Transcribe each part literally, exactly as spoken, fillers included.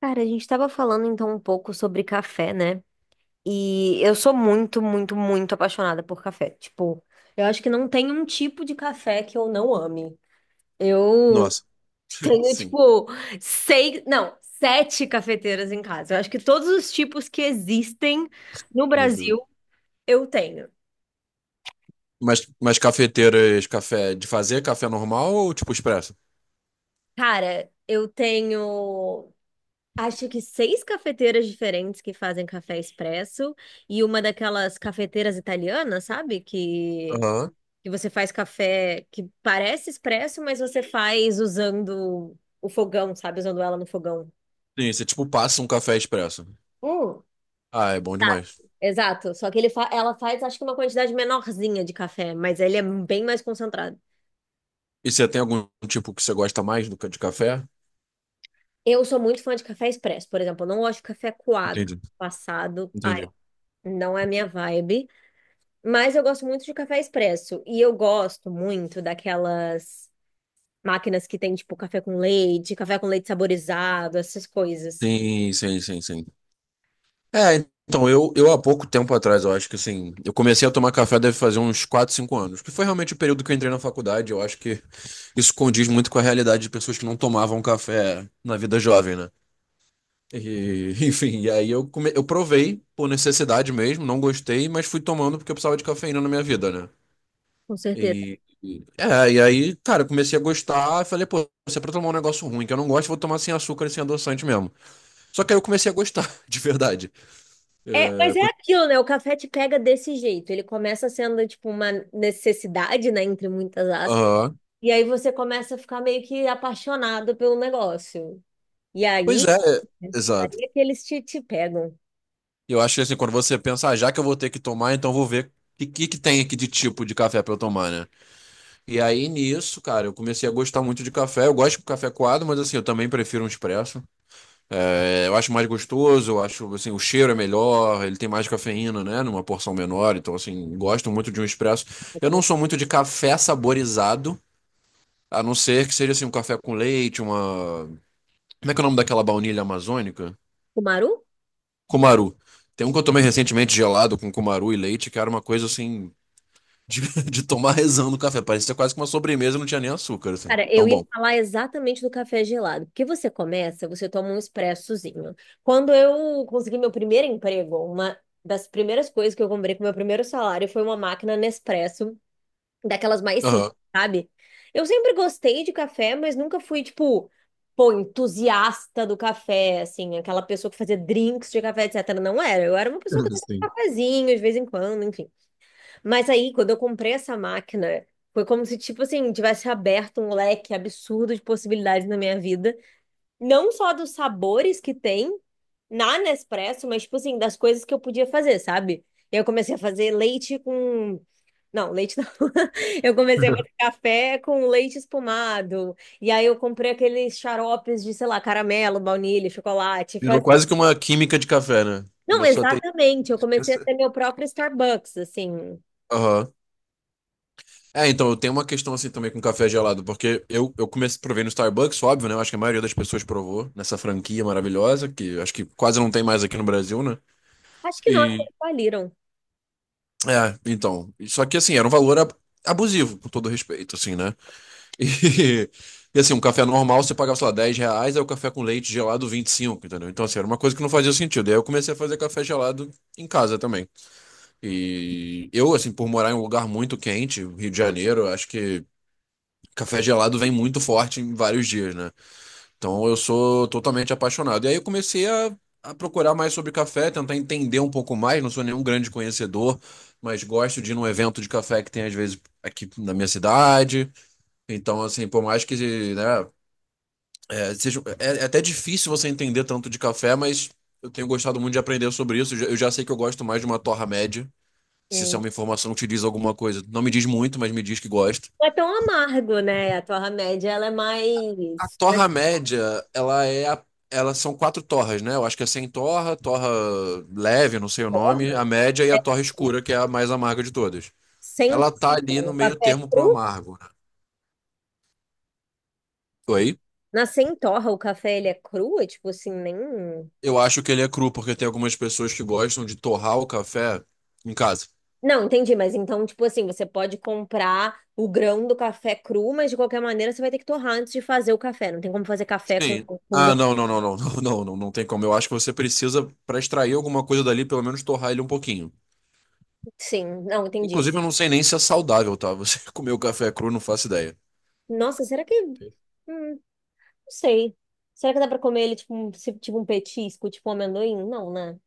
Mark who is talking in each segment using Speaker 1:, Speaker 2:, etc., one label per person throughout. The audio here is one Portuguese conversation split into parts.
Speaker 1: Cara, a gente estava falando então um pouco sobre café, né? E eu sou muito, muito, muito apaixonada por café. Tipo, eu acho que não tem um tipo de café que eu não ame. Eu
Speaker 2: Nossa,
Speaker 1: tenho,
Speaker 2: sim,
Speaker 1: tipo, seis, não, sete cafeteiras em casa. Eu acho que todos os tipos que existem no
Speaker 2: meu
Speaker 1: Brasil
Speaker 2: Deus.
Speaker 1: eu tenho.
Speaker 2: Mas, mas cafeteiras, café de fazer café normal ou tipo expresso?
Speaker 1: Cara, eu tenho, acho que seis cafeteiras diferentes que fazem café expresso e uma daquelas cafeteiras italianas, sabe? Que
Speaker 2: Aham.
Speaker 1: que você faz café que parece expresso, mas você faz usando o fogão, sabe? Usando ela no fogão.
Speaker 2: Sim, você tipo passa um café expresso.
Speaker 1: Hum,
Speaker 2: Ah, é bom demais.
Speaker 1: Exato. Só que ele fa- ela faz, acho que uma quantidade menorzinha de café, mas ele é bem mais concentrado.
Speaker 2: E você tem algum tipo que você gosta mais do que de café?
Speaker 1: Eu sou muito fã de café expresso, por exemplo. Eu não gosto de café coado, café
Speaker 2: Entendi,
Speaker 1: passado. Ai,
Speaker 2: entendi.
Speaker 1: não é a minha vibe. Mas eu gosto muito de café expresso. E eu gosto muito daquelas máquinas que tem, tipo, café com leite, café com leite saborizado, essas coisas.
Speaker 2: Sim, sim, sim, sim. É, então, eu, eu há pouco tempo atrás, eu acho que assim, eu comecei a tomar café deve fazer uns quatro cinco anos, que foi realmente o período que eu entrei na faculdade, eu acho que isso condiz muito com a realidade de pessoas que não tomavam café na vida jovem, né? E, enfim, e aí eu, come... eu provei por necessidade mesmo, não gostei, mas fui tomando porque eu precisava de cafeína na minha vida, né?
Speaker 1: Com certeza.
Speaker 2: E, e- é, e aí, cara, eu comecei a gostar, eu falei, pô, se é pra tomar um negócio ruim que eu não gosto, eu vou tomar sem açúcar e sem adoçante mesmo. Só que aí eu comecei a gostar, de verdade.
Speaker 1: É, mas
Speaker 2: É,
Speaker 1: é
Speaker 2: co-
Speaker 1: aquilo, né? O café te pega desse jeito. Ele começa sendo, tipo, uma necessidade, né? Entre muitas aspas.
Speaker 2: Aham.
Speaker 1: E aí você começa a ficar meio que apaixonado pelo negócio. E
Speaker 2: Pois
Speaker 1: aí,
Speaker 2: é, é,
Speaker 1: aí
Speaker 2: exato.
Speaker 1: é que eles te, te pegam.
Speaker 2: E Eu acho que assim, quando você pensa, ah, já que eu vou ter que tomar, então eu vou ver o que, que tem aqui de tipo de café pra eu tomar, né? E aí nisso, cara, eu comecei a gostar muito de café. Eu gosto de café coado, mas assim, eu também prefiro um expresso. É, eu acho mais gostoso, eu acho assim, o cheiro é melhor, ele tem mais cafeína, né? Numa porção menor, então assim, gosto muito de um expresso. Eu não sou muito de café saborizado, a não ser que seja assim, um café com leite, uma. Como é que é o nome daquela baunilha amazônica?
Speaker 1: O Maru?
Speaker 2: Cumaru. Tem um que eu tomei recentemente gelado com cumaru e leite, que era uma coisa assim de, de tomar rezando o café. Parecia quase que uma sobremesa, não tinha nem açúcar, assim.
Speaker 1: Cara, eu
Speaker 2: Tão
Speaker 1: ia
Speaker 2: bom.
Speaker 1: falar exatamente do café gelado. Porque você começa, você toma um expressozinho. Quando eu consegui meu primeiro emprego, uma das primeiras coisas que eu comprei com meu primeiro salário foi uma máquina Nespresso daquelas mais simples,
Speaker 2: Aham.
Speaker 1: sabe? Eu sempre gostei de café, mas nunca fui, tipo, pô, entusiasta do café, assim, aquela pessoa que fazia drinks de café, etcétera. Não era. Eu era uma pessoa que tomava
Speaker 2: Sim.
Speaker 1: cafezinho de vez em quando, enfim. Mas aí, quando eu comprei essa máquina, foi como se, tipo assim, tivesse aberto um leque absurdo de possibilidades na minha vida. Não só dos sabores que tem na Nespresso, mas, tipo assim, das coisas que eu podia fazer, sabe? Eu comecei a fazer leite com não, leite não. Eu comecei a fazer café com leite espumado. E aí eu comprei aqueles xaropes de, sei lá, caramelo, baunilha, chocolate.
Speaker 2: Virou
Speaker 1: Faz...
Speaker 2: quase que uma química de café, né?
Speaker 1: Não,
Speaker 2: Começou a ter.
Speaker 1: exatamente. Eu comecei a
Speaker 2: Isso.
Speaker 1: ter meu próprio Starbucks, assim.
Speaker 2: Aham. É, então, eu tenho uma questão assim também com café gelado, porque eu, eu comecei, provei no Starbucks, óbvio, né? Eu acho que a maioria das pessoas provou nessa franquia maravilhosa, que acho que quase não tem mais aqui no Brasil, né?
Speaker 1: Acho que não, acho que
Speaker 2: E,
Speaker 1: eles faliram.
Speaker 2: é, então, só que assim, era um valor ab- abusivo, com todo respeito, assim, né? E, e, assim, um café normal você pagava, sei lá, dez reais, aí o café com leite gelado vinte e cinco, entendeu? Então, assim, era uma coisa que não fazia sentido. E aí eu comecei a fazer café gelado em casa também. E eu, assim, por morar em um lugar muito quente, Rio de Janeiro, acho que café gelado vem muito forte em vários dias, né? Então eu sou totalmente apaixonado. E aí eu comecei a, a procurar mais sobre café, tentar entender um pouco mais. Não sou nenhum grande conhecedor, mas gosto de ir num evento de café que tem às vezes aqui na minha cidade. Então, assim, por mais que, né, é, seja, é, é até difícil você entender tanto de café, mas eu tenho gostado muito de aprender sobre isso. Eu já eu já sei que eu gosto mais de uma torra média. Se isso é
Speaker 1: Hum.
Speaker 2: uma informação que te diz alguma coisa, não me diz muito, mas me diz que gosta.
Speaker 1: Não é tão amargo, né? A torra média, ela é
Speaker 2: A
Speaker 1: mais... mais
Speaker 2: torra média, ela é a- elas são quatro torras, né? Eu acho que é sem torra, torra leve, não sei o nome,
Speaker 1: torra,
Speaker 2: a média e a torra
Speaker 1: assim.
Speaker 2: escura, que é a mais amarga de todas.
Speaker 1: Sem
Speaker 2: Ela tá
Speaker 1: torra.
Speaker 2: ali no
Speaker 1: O
Speaker 2: meio
Speaker 1: café é
Speaker 2: termo pro
Speaker 1: cru.
Speaker 2: amargo, né? Oi?
Speaker 1: Na sem torra, o café, ele é cru? É tipo assim, nem...
Speaker 2: Eu acho que ele é cru, porque tem algumas pessoas que gostam de torrar o café em casa.
Speaker 1: Não, entendi, mas então, tipo assim, você pode comprar o grão do café cru, mas de qualquer maneira você vai ter que torrar antes de fazer o café. Não tem como fazer café com,
Speaker 2: Sim.
Speaker 1: com, com
Speaker 2: Ah,
Speaker 1: grão.
Speaker 2: não, não, não, não, não, não, não, não tem como. Eu acho que você precisa, pra extrair alguma coisa dali, pelo menos torrar ele um pouquinho.
Speaker 1: Sim, não, entendi.
Speaker 2: Inclusive, eu não sei nem se é saudável, tá? Você comer o café cru, não faço ideia.
Speaker 1: Nossa, será que. Hum, não sei. Será que dá pra comer ele tipo um, se- tipo um petisco, tipo um amendoim? Não, né?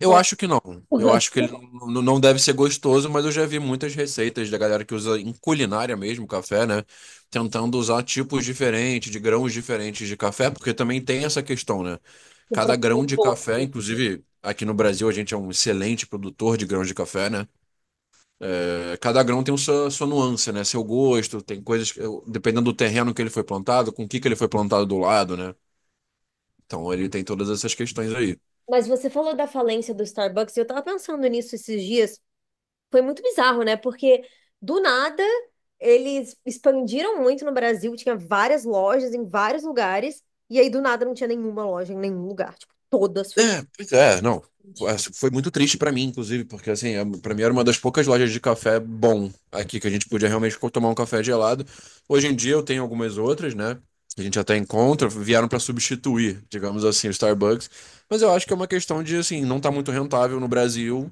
Speaker 2: Eu
Speaker 1: Falou.
Speaker 2: acho que não. Eu acho que ele n- não deve ser gostoso, mas eu já vi muitas receitas da galera que usa em culinária mesmo café, né? Tentando usar tipos diferentes, de grãos diferentes de café, porque também tem essa questão, né? Cada grão de café, inclusive aqui no Brasil a gente é um excelente produtor de grãos de café, né? É, cada grão tem sua, sua nuance, né? Seu gosto, tem coisas que, eu- dependendo do terreno que ele foi plantado, com o que que ele foi plantado do lado, né? Então ele tem todas essas questões aí.
Speaker 1: Mas você falou da falência do Starbucks, e eu tava pensando nisso esses dias. Foi muito bizarro, né? Porque do nada eles expandiram muito no Brasil, tinha várias lojas em vários lugares, e aí do nada não tinha nenhuma loja em nenhum lugar, tipo, todas fechadas.
Speaker 2: É, pois é, não. Foi assim, foi muito triste pra mim, inclusive, porque assim, é- pra mim era uma das poucas lojas de café bom aqui que a gente podia realmente co- tomar um café gelado. Hoje em dia eu tenho algumas outras, né? Que a gente até encontra, vieram pra substituir, digamos assim, o Starbucks. Mas eu acho que é uma questão de assim, não tá muito rentável no Brasil.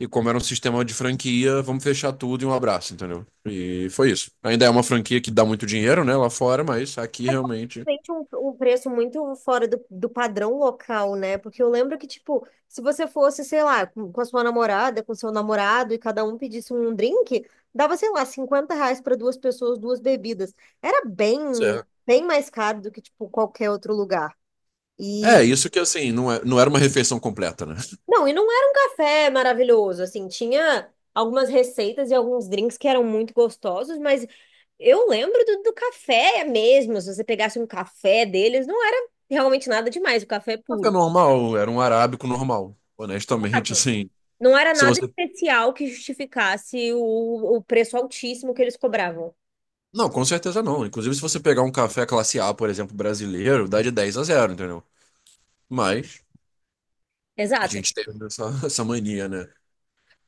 Speaker 2: E como era um sistema de franquia, vamos fechar tudo e um abraço, entendeu? E foi isso. Ainda é uma franquia que dá muito dinheiro, né, lá fora, mas aqui realmente.
Speaker 1: Realmente um, um preço muito fora do, do padrão local, né? Porque eu lembro que, tipo, se você fosse, sei lá, com, com, a sua namorada, com seu namorado, e cada um pedisse um drink, dava, sei lá, cinquenta reais para duas pessoas, duas bebidas. Era bem,
Speaker 2: Certo.
Speaker 1: bem mais caro do que, tipo, qualquer outro lugar. e
Speaker 2: É, isso que assim, não é- não era uma refeição completa, né?
Speaker 1: Não, e não era um café maravilhoso, assim, tinha algumas receitas e alguns drinks que eram muito gostosos, mas eu lembro do, do, café mesmo, se você pegasse um café deles, não era realmente nada demais, o café é
Speaker 2: Café
Speaker 1: puro.
Speaker 2: normal, era um arábico normal. Honestamente,
Speaker 1: Exato.
Speaker 2: assim,
Speaker 1: Não era
Speaker 2: se
Speaker 1: nada
Speaker 2: você.
Speaker 1: especial que justificasse o, o preço altíssimo que eles cobravam.
Speaker 2: Não, com certeza não. Inclusive, se você pegar um café classe A, por exemplo, brasileiro, dá de dez a zero, entendeu? Mas a
Speaker 1: Exato.
Speaker 2: gente teve essa, essa mania, né?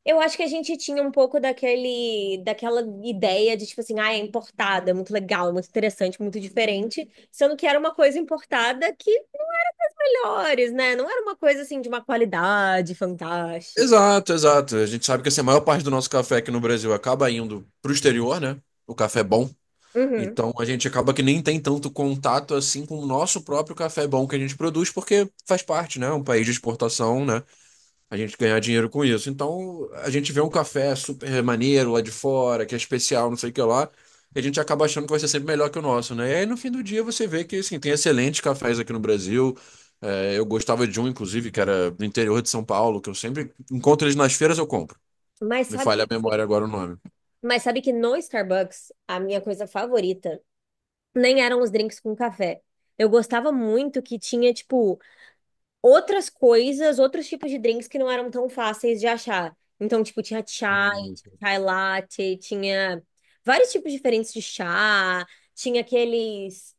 Speaker 1: Eu acho que a gente tinha um pouco daquele, daquela ideia de, tipo assim, ah, é importada, é muito legal, é muito interessante, muito diferente, sendo que era uma coisa importada que melhores, né? Não era uma coisa assim de uma qualidade fantástica.
Speaker 2: Exato, exato. A gente sabe que assim, a maior parte do nosso café aqui no Brasil acaba indo pro exterior, né? O café bom.
Speaker 1: Uhum.
Speaker 2: Então a gente acaba que nem tem tanto contato assim com o nosso próprio café bom que a gente produz, porque faz parte, né? É Um país de exportação, né? A gente ganhar dinheiro com isso. Então, a gente vê um café super maneiro lá de fora, que é especial, não sei o que lá, e a gente acaba achando que vai ser sempre melhor que o nosso, né? E aí, no fim do dia, você vê que, assim, tem excelentes cafés aqui no Brasil. É, eu gostava de um, inclusive, que era do interior de São Paulo, que eu sempre encontro eles nas feiras, eu compro.
Speaker 1: Mas
Speaker 2: Me
Speaker 1: sabe,
Speaker 2: falha a memória agora o nome.
Speaker 1: mas sabe que no Starbucks, a minha coisa favorita nem eram os drinks com café. Eu gostava muito que tinha, tipo, outras coisas, outros tipos de drinks que não eram tão fáceis de achar. Então, tipo, tinha chai,
Speaker 2: Sim, sim.
Speaker 1: chai latte, tinha vários tipos diferentes de chá, tinha aqueles.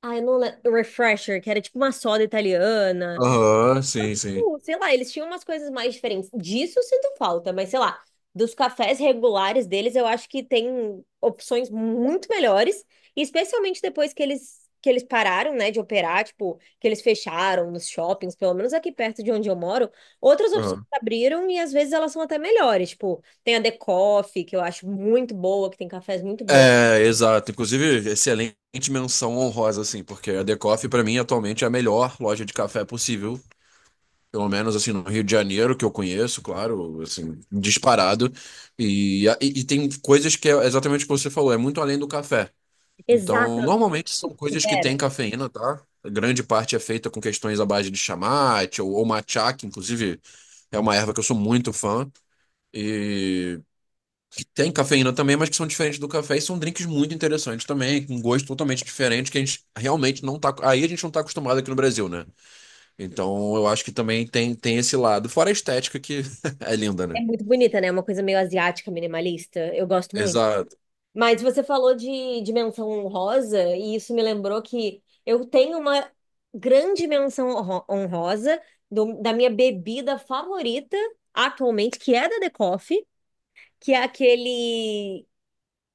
Speaker 1: Ah, eu não lembro. Refresher, que era tipo uma soda italiana.
Speaker 2: Aham, sim, sim.
Speaker 1: Tipo, sei lá, eles tinham umas coisas mais diferentes. Disso eu sinto falta, mas sei lá, dos cafés regulares deles, eu acho que tem opções muito melhores, e especialmente depois que eles que eles pararam, né, de operar, tipo, que eles fecharam nos shoppings, pelo menos aqui perto de onde eu moro, outras opções
Speaker 2: Aham.
Speaker 1: abriram e às vezes elas são até melhores, tipo, tem a The Coffee, que eu acho muito boa, que tem cafés muito bons.
Speaker 2: É, exato. Inclusive, excelente menção honrosa, assim, porque a The Coffee, pra mim, atualmente é a melhor loja de café possível. Pelo menos assim, no Rio de Janeiro, que eu conheço, claro, assim, disparado. E, e, e tem coisas que é exatamente o que você falou, é muito além do café. Então,
Speaker 1: Exato,
Speaker 2: normalmente são coisas que
Speaker 1: Vera,
Speaker 2: têm cafeína, tá? A grande parte é feita com questões à base de chamate ou, ou matcha, que inclusive é uma erva que eu sou muito fã. E que tem cafeína também, mas que são diferentes do café e são drinks muito interessantes também, com gosto totalmente diferente, que a gente realmente não tá. Aí a gente não tá acostumado aqui no Brasil, né? Então eu acho que também tem, tem esse lado. Fora a estética que é linda,
Speaker 1: é
Speaker 2: né?
Speaker 1: muito bonita, né? É uma coisa meio asiática, minimalista. Eu gosto muito.
Speaker 2: Exato.
Speaker 1: Mas você falou de, de, menção honrosa, e isso me lembrou que eu tenho uma grande menção honro- honrosa do- da minha bebida favorita atualmente, que é da The Coffee, que é aquele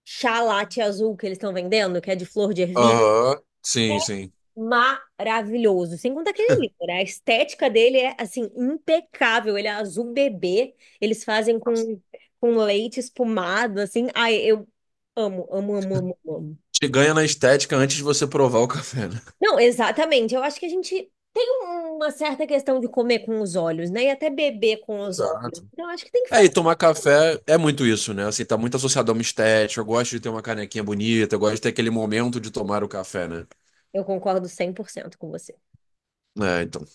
Speaker 1: chá latte azul que eles estão vendendo, que é de flor de ervilha.
Speaker 2: Aham. Sim, sim.
Speaker 1: Maravilhoso. Sem contar que ele é lindo, né? A estética dele é, assim, impecável. Ele é azul bebê. Eles fazem com, com, leite espumado, assim. Ai, eu amo, amo, amo, amo, amo.
Speaker 2: Te ganha na estética antes de você provar o café, né?
Speaker 1: Não, exatamente. Eu acho que a gente tem uma certa questão de comer com os olhos, né? E até beber com os olhos.
Speaker 2: Exato.
Speaker 1: Então, acho que tem que
Speaker 2: É, e
Speaker 1: fazer.
Speaker 2: tomar café é muito isso, né? Assim, tá muito associado a uma estética. Eu gosto de ter uma canequinha bonita, eu gosto de ter aquele momento de tomar o café, né?
Speaker 1: Eu concordo cem por cento com você.
Speaker 2: É, então.